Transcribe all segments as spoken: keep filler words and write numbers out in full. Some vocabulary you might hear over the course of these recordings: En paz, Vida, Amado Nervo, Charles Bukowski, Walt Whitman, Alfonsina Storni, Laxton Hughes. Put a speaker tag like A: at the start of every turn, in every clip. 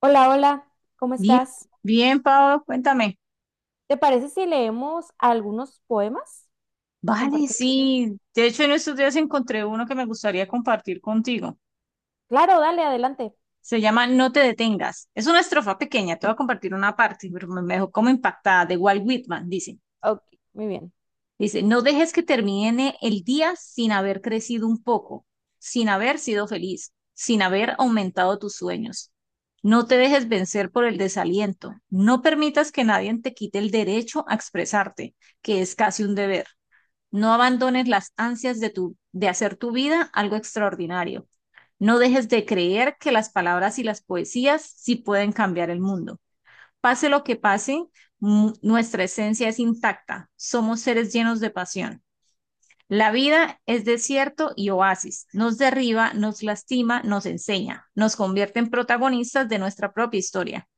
A: Hola, hola, ¿cómo
B: Bien,
A: estás?
B: bien, Pablo, cuéntame.
A: ¿Te parece si leemos algunos poemas?
B: Vale,
A: Compartimos.
B: sí. De hecho, en estos días encontré uno que me gustaría compartir contigo.
A: Claro, dale, adelante.
B: Se llama No te detengas. Es una estrofa pequeña, te voy a compartir una parte, pero me me dejó como impactada, de Walt Whitman, dice.
A: Ok, muy bien.
B: Dice, no dejes que termine el día sin haber crecido un poco, sin haber sido feliz, sin haber aumentado tus sueños. No te dejes vencer por el desaliento. No permitas que nadie te quite el derecho a expresarte, que es casi un deber. No abandones las ansias de, tu, de hacer tu vida algo extraordinario. No dejes de creer que las palabras y las poesías sí pueden cambiar el mundo. Pase lo que pase, nuestra esencia es intacta. Somos seres llenos de pasión. La vida es desierto y oasis. Nos derriba, nos lastima, nos enseña. Nos convierte en protagonistas de nuestra propia historia.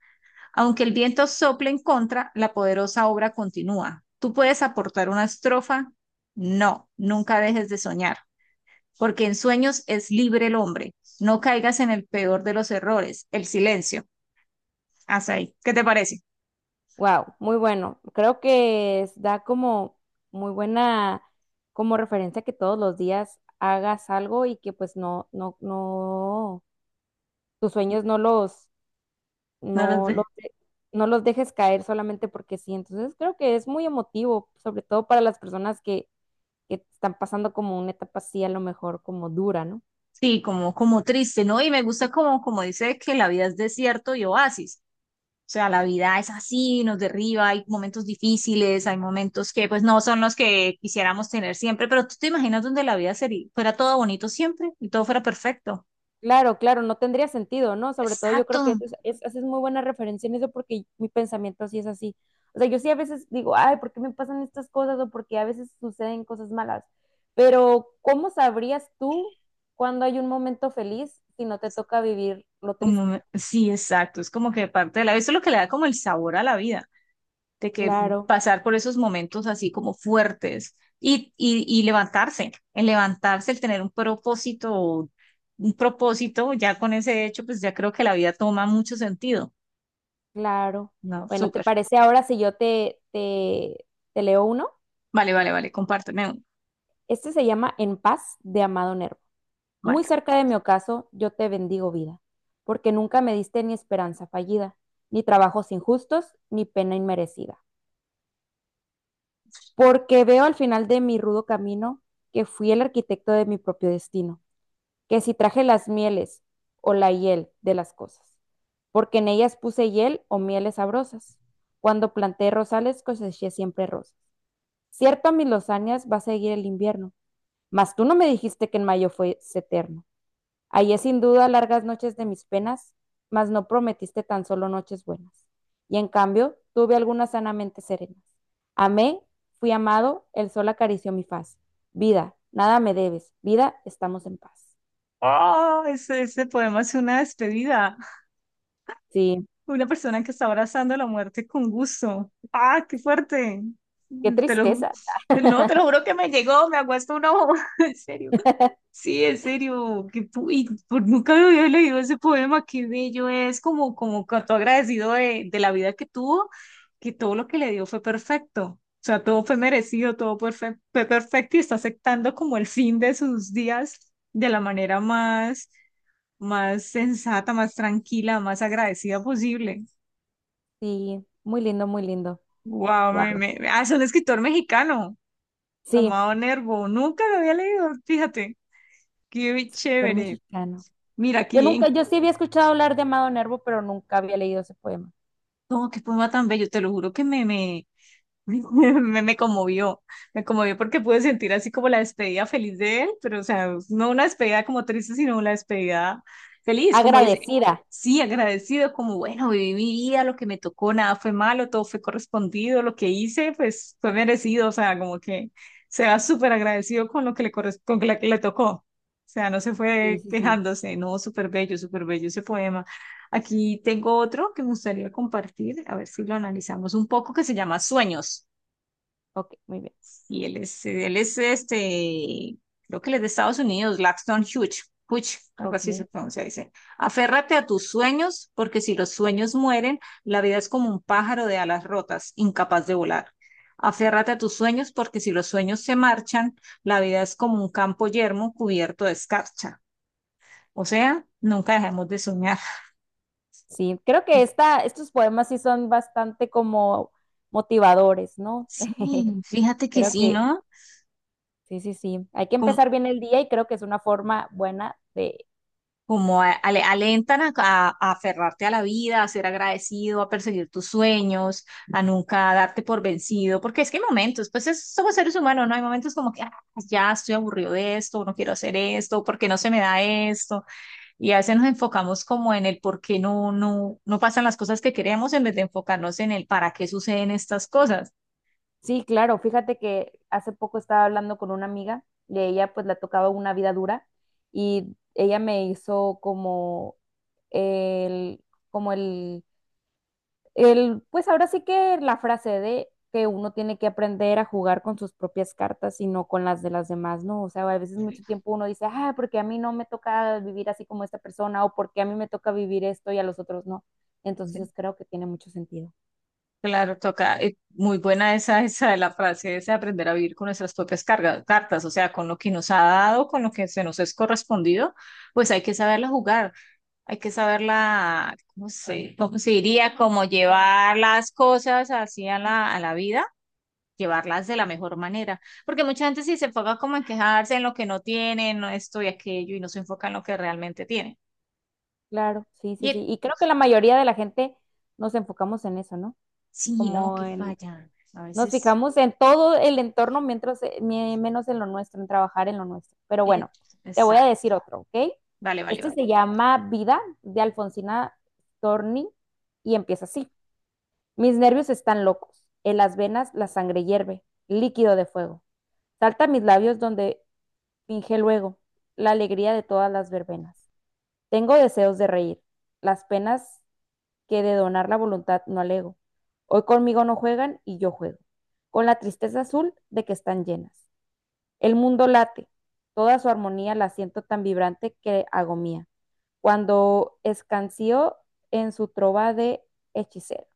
B: Aunque el viento sople en contra, la poderosa obra continúa. ¿Tú puedes aportar una estrofa? No, nunca dejes de soñar, porque en sueños es libre el hombre. No caigas en el peor de los errores, el silencio. Hasta ahí. ¿Qué te parece?
A: Wow, muy bueno. Creo que es- da como muy buena como referencia que todos los días hagas algo y que pues no, no, no, tus sueños no los,
B: No lo
A: no los,
B: sé.
A: de- no los dejes caer solamente porque sí. Entonces creo que es muy emotivo, sobre todo para las personas que, que están pasando como una etapa así a lo mejor como dura, ¿no?
B: Sí, como, como triste, ¿no? Y me gusta como, como dice que la vida es desierto y oasis. O sea, la vida es así, nos derriba, hay momentos difíciles, hay momentos que pues no son los que quisiéramos tener siempre, pero tú te imaginas donde la vida sería, fuera todo bonito siempre y todo fuera perfecto.
A: Claro, claro, no tendría sentido, ¿no? Sobre todo yo creo que eso
B: Exacto.
A: es, es- haces muy buena referencia en eso porque mi pensamiento sí es así. O sea, yo sí a veces digo, ay, ¿por qué me pasan estas cosas? O porque a veces suceden cosas malas. Pero, ¿cómo sabrías tú cuando hay un momento feliz si no te toca vivir lo
B: Un
A: triste?
B: momen- sí, exacto. Es como que parte de la vida, eso es lo que le da como el sabor a la vida, de que
A: Claro,
B: pasar por esos momentos así como fuertes y, y, y levantarse, el levantarse, el tener un propósito, un propósito, ya con ese hecho, pues ya creo que la vida toma mucho sentido.
A: claro.
B: No,
A: Bueno, ¿te
B: súper.
A: parece ahora si yo te, te, te leo uno?
B: Vale, vale, vale, compárteme uno.
A: Este se llama En paz, de Amado Nervo. Muy
B: Vale.
A: cerca de mi ocaso, yo te bendigo, vida, porque nunca me diste ni esperanza fallida, ni trabajos injustos, ni pena inmerecida. Porque veo al final de mi rudo camino que fui el arquitecto de mi propio destino, que si traje las mieles o la hiel de las cosas, porque en ellas puse hiel o mieles sabrosas. Cuando planté rosales coseché siempre rosas. Cierto a mis lozanías va a seguir el invierno, mas tú no me dijiste que en mayo fuese eterno. Ahí es sin duda largas noches de mis penas, mas no prometiste tan solo noches buenas. Y en cambio, tuve algunas sanamente serenas. Amé, fui amado, el sol acarició mi faz. Vida, nada me debes. Vida, estamos en paz.
B: Oh, ese, ese poema es una despedida.
A: Sí.
B: Una persona que está abrazando la muerte con gusto. ¡Ah, qué fuerte!
A: Qué
B: Te lo, ju-
A: tristeza.
B: no, te lo juro que me llegó, me ha puesto un ojo. En serio. Sí, en serio, que, pu- y por, nunca me había leído ese poema, qué bello es, como, como cuanto agradecido de, de la vida que tuvo, que todo lo que le dio fue perfecto, o sea, todo fue merecido, todo perfe- fue perfecto y está aceptando como el fin de sus días de la manera más, más sensata, más tranquila, más agradecida posible.
A: Sí, muy lindo, muy lindo.
B: Wow,
A: Wow.
B: me, me, ah, es un escritor mexicano,
A: Sí,
B: Amado Nervo, nunca lo había leído, fíjate, qué
A: escritor
B: chévere.
A: mexicano.
B: Mira,
A: Yo
B: aquí
A: nunca, yo sí había escuchado hablar de Amado Nervo, pero nunca había leído ese poema.
B: no, qué poema tan bello, te lo juro que me, me, me, me conmovió, me conmovió porque pude sentir así como la despedida feliz de él, pero o sea, no una despedida como triste, sino una despedida feliz, como dice,
A: Agradecida.
B: sí, agradecido, como bueno, viví mi vida, lo que me tocó, nada fue malo, todo fue correspondido, lo que hice, pues fue merecido, o sea, como que se va súper agradecido con lo que le, corres- con lo que le tocó, o sea, no se
A: Sí,
B: fue
A: sí, sí.
B: quejándose, no, súper bello, súper bello ese poema. Aquí tengo otro que me gustaría compartir, a ver si lo analizamos un poco, que se llama Sueños.
A: Ok, muy bien.
B: Y él es, él es este, creo que él es de Estados Unidos, Laxton Hughes, Hughes, algo así se
A: Ok.
B: pronuncia, dice. Aférrate a tus sueños, porque si los sueños mueren, la vida es como un pájaro de alas rotas, incapaz de volar. Aférrate a tus sueños, porque si los sueños se marchan, la vida es como un campo yermo cubierto de escarcha. O sea, nunca dejemos de soñar.
A: Sí, creo que esta, estos poemas sí son bastante como motivadores, ¿no?
B: Sí, fíjate que
A: Creo
B: sí,
A: que
B: ¿no?
A: sí, sí, sí. Hay que empezar bien el día y creo que es una forma buena de...
B: Como a- ale- alentan a, a- a aferrarte a la vida, a ser agradecido, a perseguir tus sueños, a nunca darte por vencido, porque es que hay momentos, pues es- somos seres humanos, ¿no? Hay momentos como que "Ah, ya estoy aburrido de esto, no quiero hacer esto, porque no se me da esto, y a veces nos enfocamos como en el por qué no, no, no pasan las cosas que queremos en vez de enfocarnos en el para qué suceden estas cosas.
A: Sí, claro, fíjate que hace poco estaba hablando con una amiga y a ella pues la tocaba una vida dura y ella me hizo como el, como el El, pues ahora sí que la frase de que uno tiene que aprender a jugar con sus propias cartas y no con las de las demás, ¿no? O sea, a veces mucho tiempo uno dice, ah, porque a mí no me toca vivir así como esta persona o porque a mí me toca vivir esto y a los otros no. Entonces creo que tiene mucho sentido.
B: Claro, toca, eh, muy buena esa, esa de la frase, es aprender a vivir con nuestras propias cargas, cartas, o sea, con lo que nos ha dado, con lo que se nos es correspondido, pues hay que saberla jugar, hay que saberla, ¿cómo se, cómo se diría? Como llevar las cosas así a la, a la vida, llevarlas de la mejor manera, porque mucha gente sí se enfoca como en quejarse en lo que no tiene, no esto y aquello, y no se enfoca en lo que realmente tiene.
A: Claro, sí,
B: Y
A: sí, sí.
B: eh,
A: Y creo que la mayoría de la gente nos enfocamos en eso, ¿no?
B: sí, no,
A: Como
B: que
A: en...
B: falla, a
A: Nos
B: veces,
A: fijamos en todo el entorno, mientras, eh, mi- menos en lo nuestro, en trabajar en lo nuestro. Pero
B: eh,
A: bueno, te voy a
B: exacto,
A: decir otro, ¿ok?
B: vale, vale.
A: Este se
B: Vale.
A: llama Vida, de Alfonsina Storni, y empieza así. Mis nervios están locos. En las venas la sangre hierve, líquido de fuego. Salta a mis labios donde finge luego la alegría de todas las verbenas. Tengo deseos de reír. Las penas que de donar la voluntad no alego. Hoy conmigo no juegan y yo juego, con la tristeza azul de que están llenas. El mundo late, toda su armonía la siento tan vibrante que hago mía, cuando escanció en su trova de hechicero.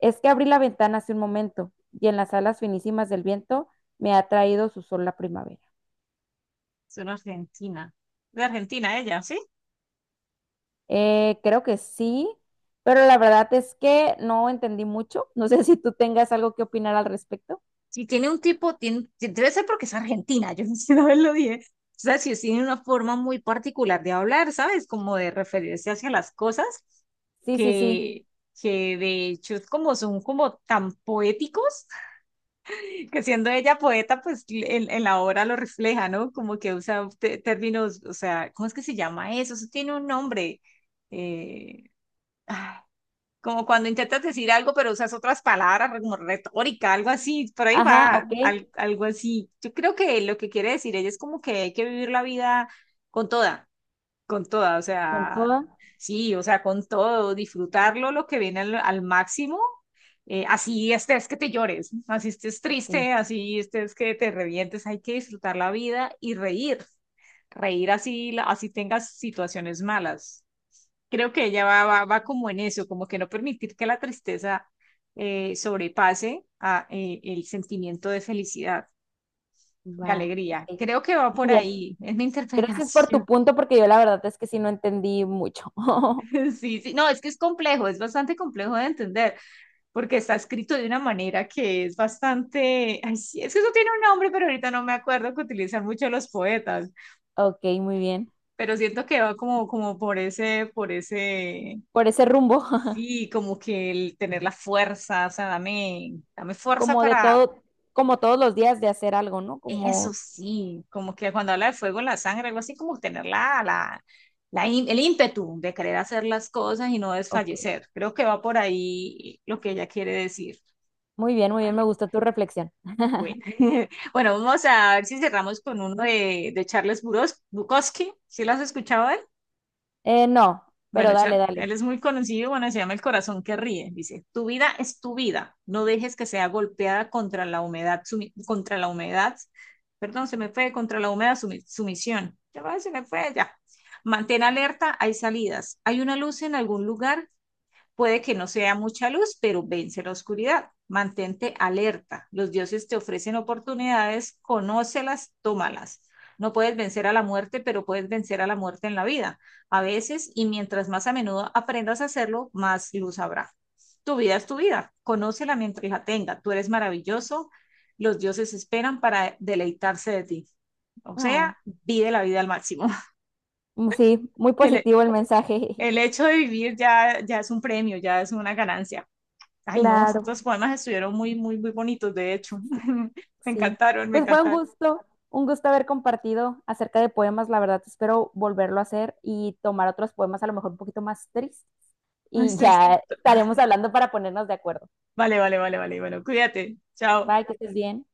A: Es que abrí la ventana hace un momento y en las alas finísimas del viento me ha traído su sol la primavera.
B: Es una argentina. De Argentina ella, ¿sí?
A: Eh, creo que sí, pero la verdad es que no entendí mucho. No sé si tú tengas algo que opinar al respecto.
B: Si tiene un tipo, tiene, debe ser porque es argentina, yo no sé una lo dije. O sea, si tiene una forma muy particular de hablar, ¿sabes? Como de referirse hacia las cosas,
A: Sí, sí, sí.
B: que, que de hecho es como son como tan poéticos, que siendo ella poeta, pues en, en la obra lo refleja, ¿no? Como que usa te- términos, o sea, ¿cómo es que se llama eso? Eso tiene un nombre. Eh, Como cuando intentas decir algo, pero usas otras palabras, como retórica, algo así, por ahí
A: Ajá,
B: va,
A: ok,
B: al- algo así. Yo creo que lo que quiere decir ella es como que hay que vivir la vida con toda, con toda, o
A: con
B: sea,
A: toda,
B: sí, o sea, con todo, disfrutarlo lo que viene al, al máximo, eh, así estés que te llores, así estés
A: ok,
B: triste, así estés que te revientes, hay que disfrutar la vida y reír, reír así, la- así tengas situaciones malas. Creo que ella va, va, va como en eso, como que no permitir que la tristeza eh, sobrepase a, eh, el sentimiento de felicidad, de
A: va,
B: alegría.
A: ok.
B: Creo que va
A: Muy
B: por
A: bien,
B: ahí, es mi
A: gracias por tu
B: interpretación.
A: punto porque yo la verdad es que sí no entendí mucho.
B: Sí, sí, no, es que es complejo, es bastante complejo de entender, porque está escrito de una manera que es bastante, ay, sí, es que eso tiene un nombre, pero ahorita no me acuerdo que utilizan mucho los poetas,
A: Ok, muy bien,
B: pero siento que va como, como por ese, por ese,
A: por ese rumbo.
B: sí, como que el tener la fuerza, o sea, dame, dame fuerza
A: Como de
B: para
A: todo, como todos los días de hacer algo, ¿no?
B: eso,
A: Como,
B: sí, como que cuando habla del fuego, en la sangre, algo así, como tener la, la, la im- el ímpetu de querer hacer las cosas y no
A: ok,
B: desfallecer. Creo que va por ahí lo que ella quiere decir.
A: muy bien, muy bien, me
B: Vale,
A: gustó tu reflexión.
B: bueno. Bueno, vamos a ver si cerramos con uno de, de Charles Buros- Bukowski. ¿Sí lo has escuchado?
A: Eh, no, pero
B: Bueno, Char-
A: dale, dale.
B: él es muy conocido, bueno, se llama El corazón que ríe. Dice, tu vida es tu vida, no dejes que sea golpeada contra la humedad, sumi- contra la humedad, perdón, se me fue, contra la humedad sumi- sumisión. Ya va, se me fue, ya. Mantén alerta, hay salidas. Hay una luz en algún lugar, puede que no sea mucha luz, pero vence la oscuridad. Mantente alerta. Los dioses te ofrecen oportunidades, conócelas, tómalas. No puedes vencer a la muerte, pero puedes vencer a la muerte en la vida. A veces, y mientras más a menudo aprendas a hacerlo, más luz habrá. Tu vida es tu vida. Conócela mientras la tenga. Tú eres maravilloso. Los dioses esperan para deleitarse de ti. O sea,
A: No.
B: vive la vida al máximo.
A: Mm, sí, muy
B: El,
A: positivo el mensaje.
B: el hecho de vivir ya, ya es un premio, ya es una ganancia. Ay, no, estos
A: Claro.
B: poemas estuvieron muy, muy, muy bonitos, de hecho. Me
A: Sí,
B: encantaron, me
A: pues fue un
B: encantaron.
A: gusto, un gusto haber compartido acerca de poemas. La verdad, espero volverlo a hacer y tomar otros poemas a lo mejor un poquito más tristes.
B: No es
A: Y
B: triste.
A: ya estaremos hablando para ponernos de acuerdo.
B: Vale, vale, vale, vale, bueno, cuídate. Chao.
A: Bye, que estés bien.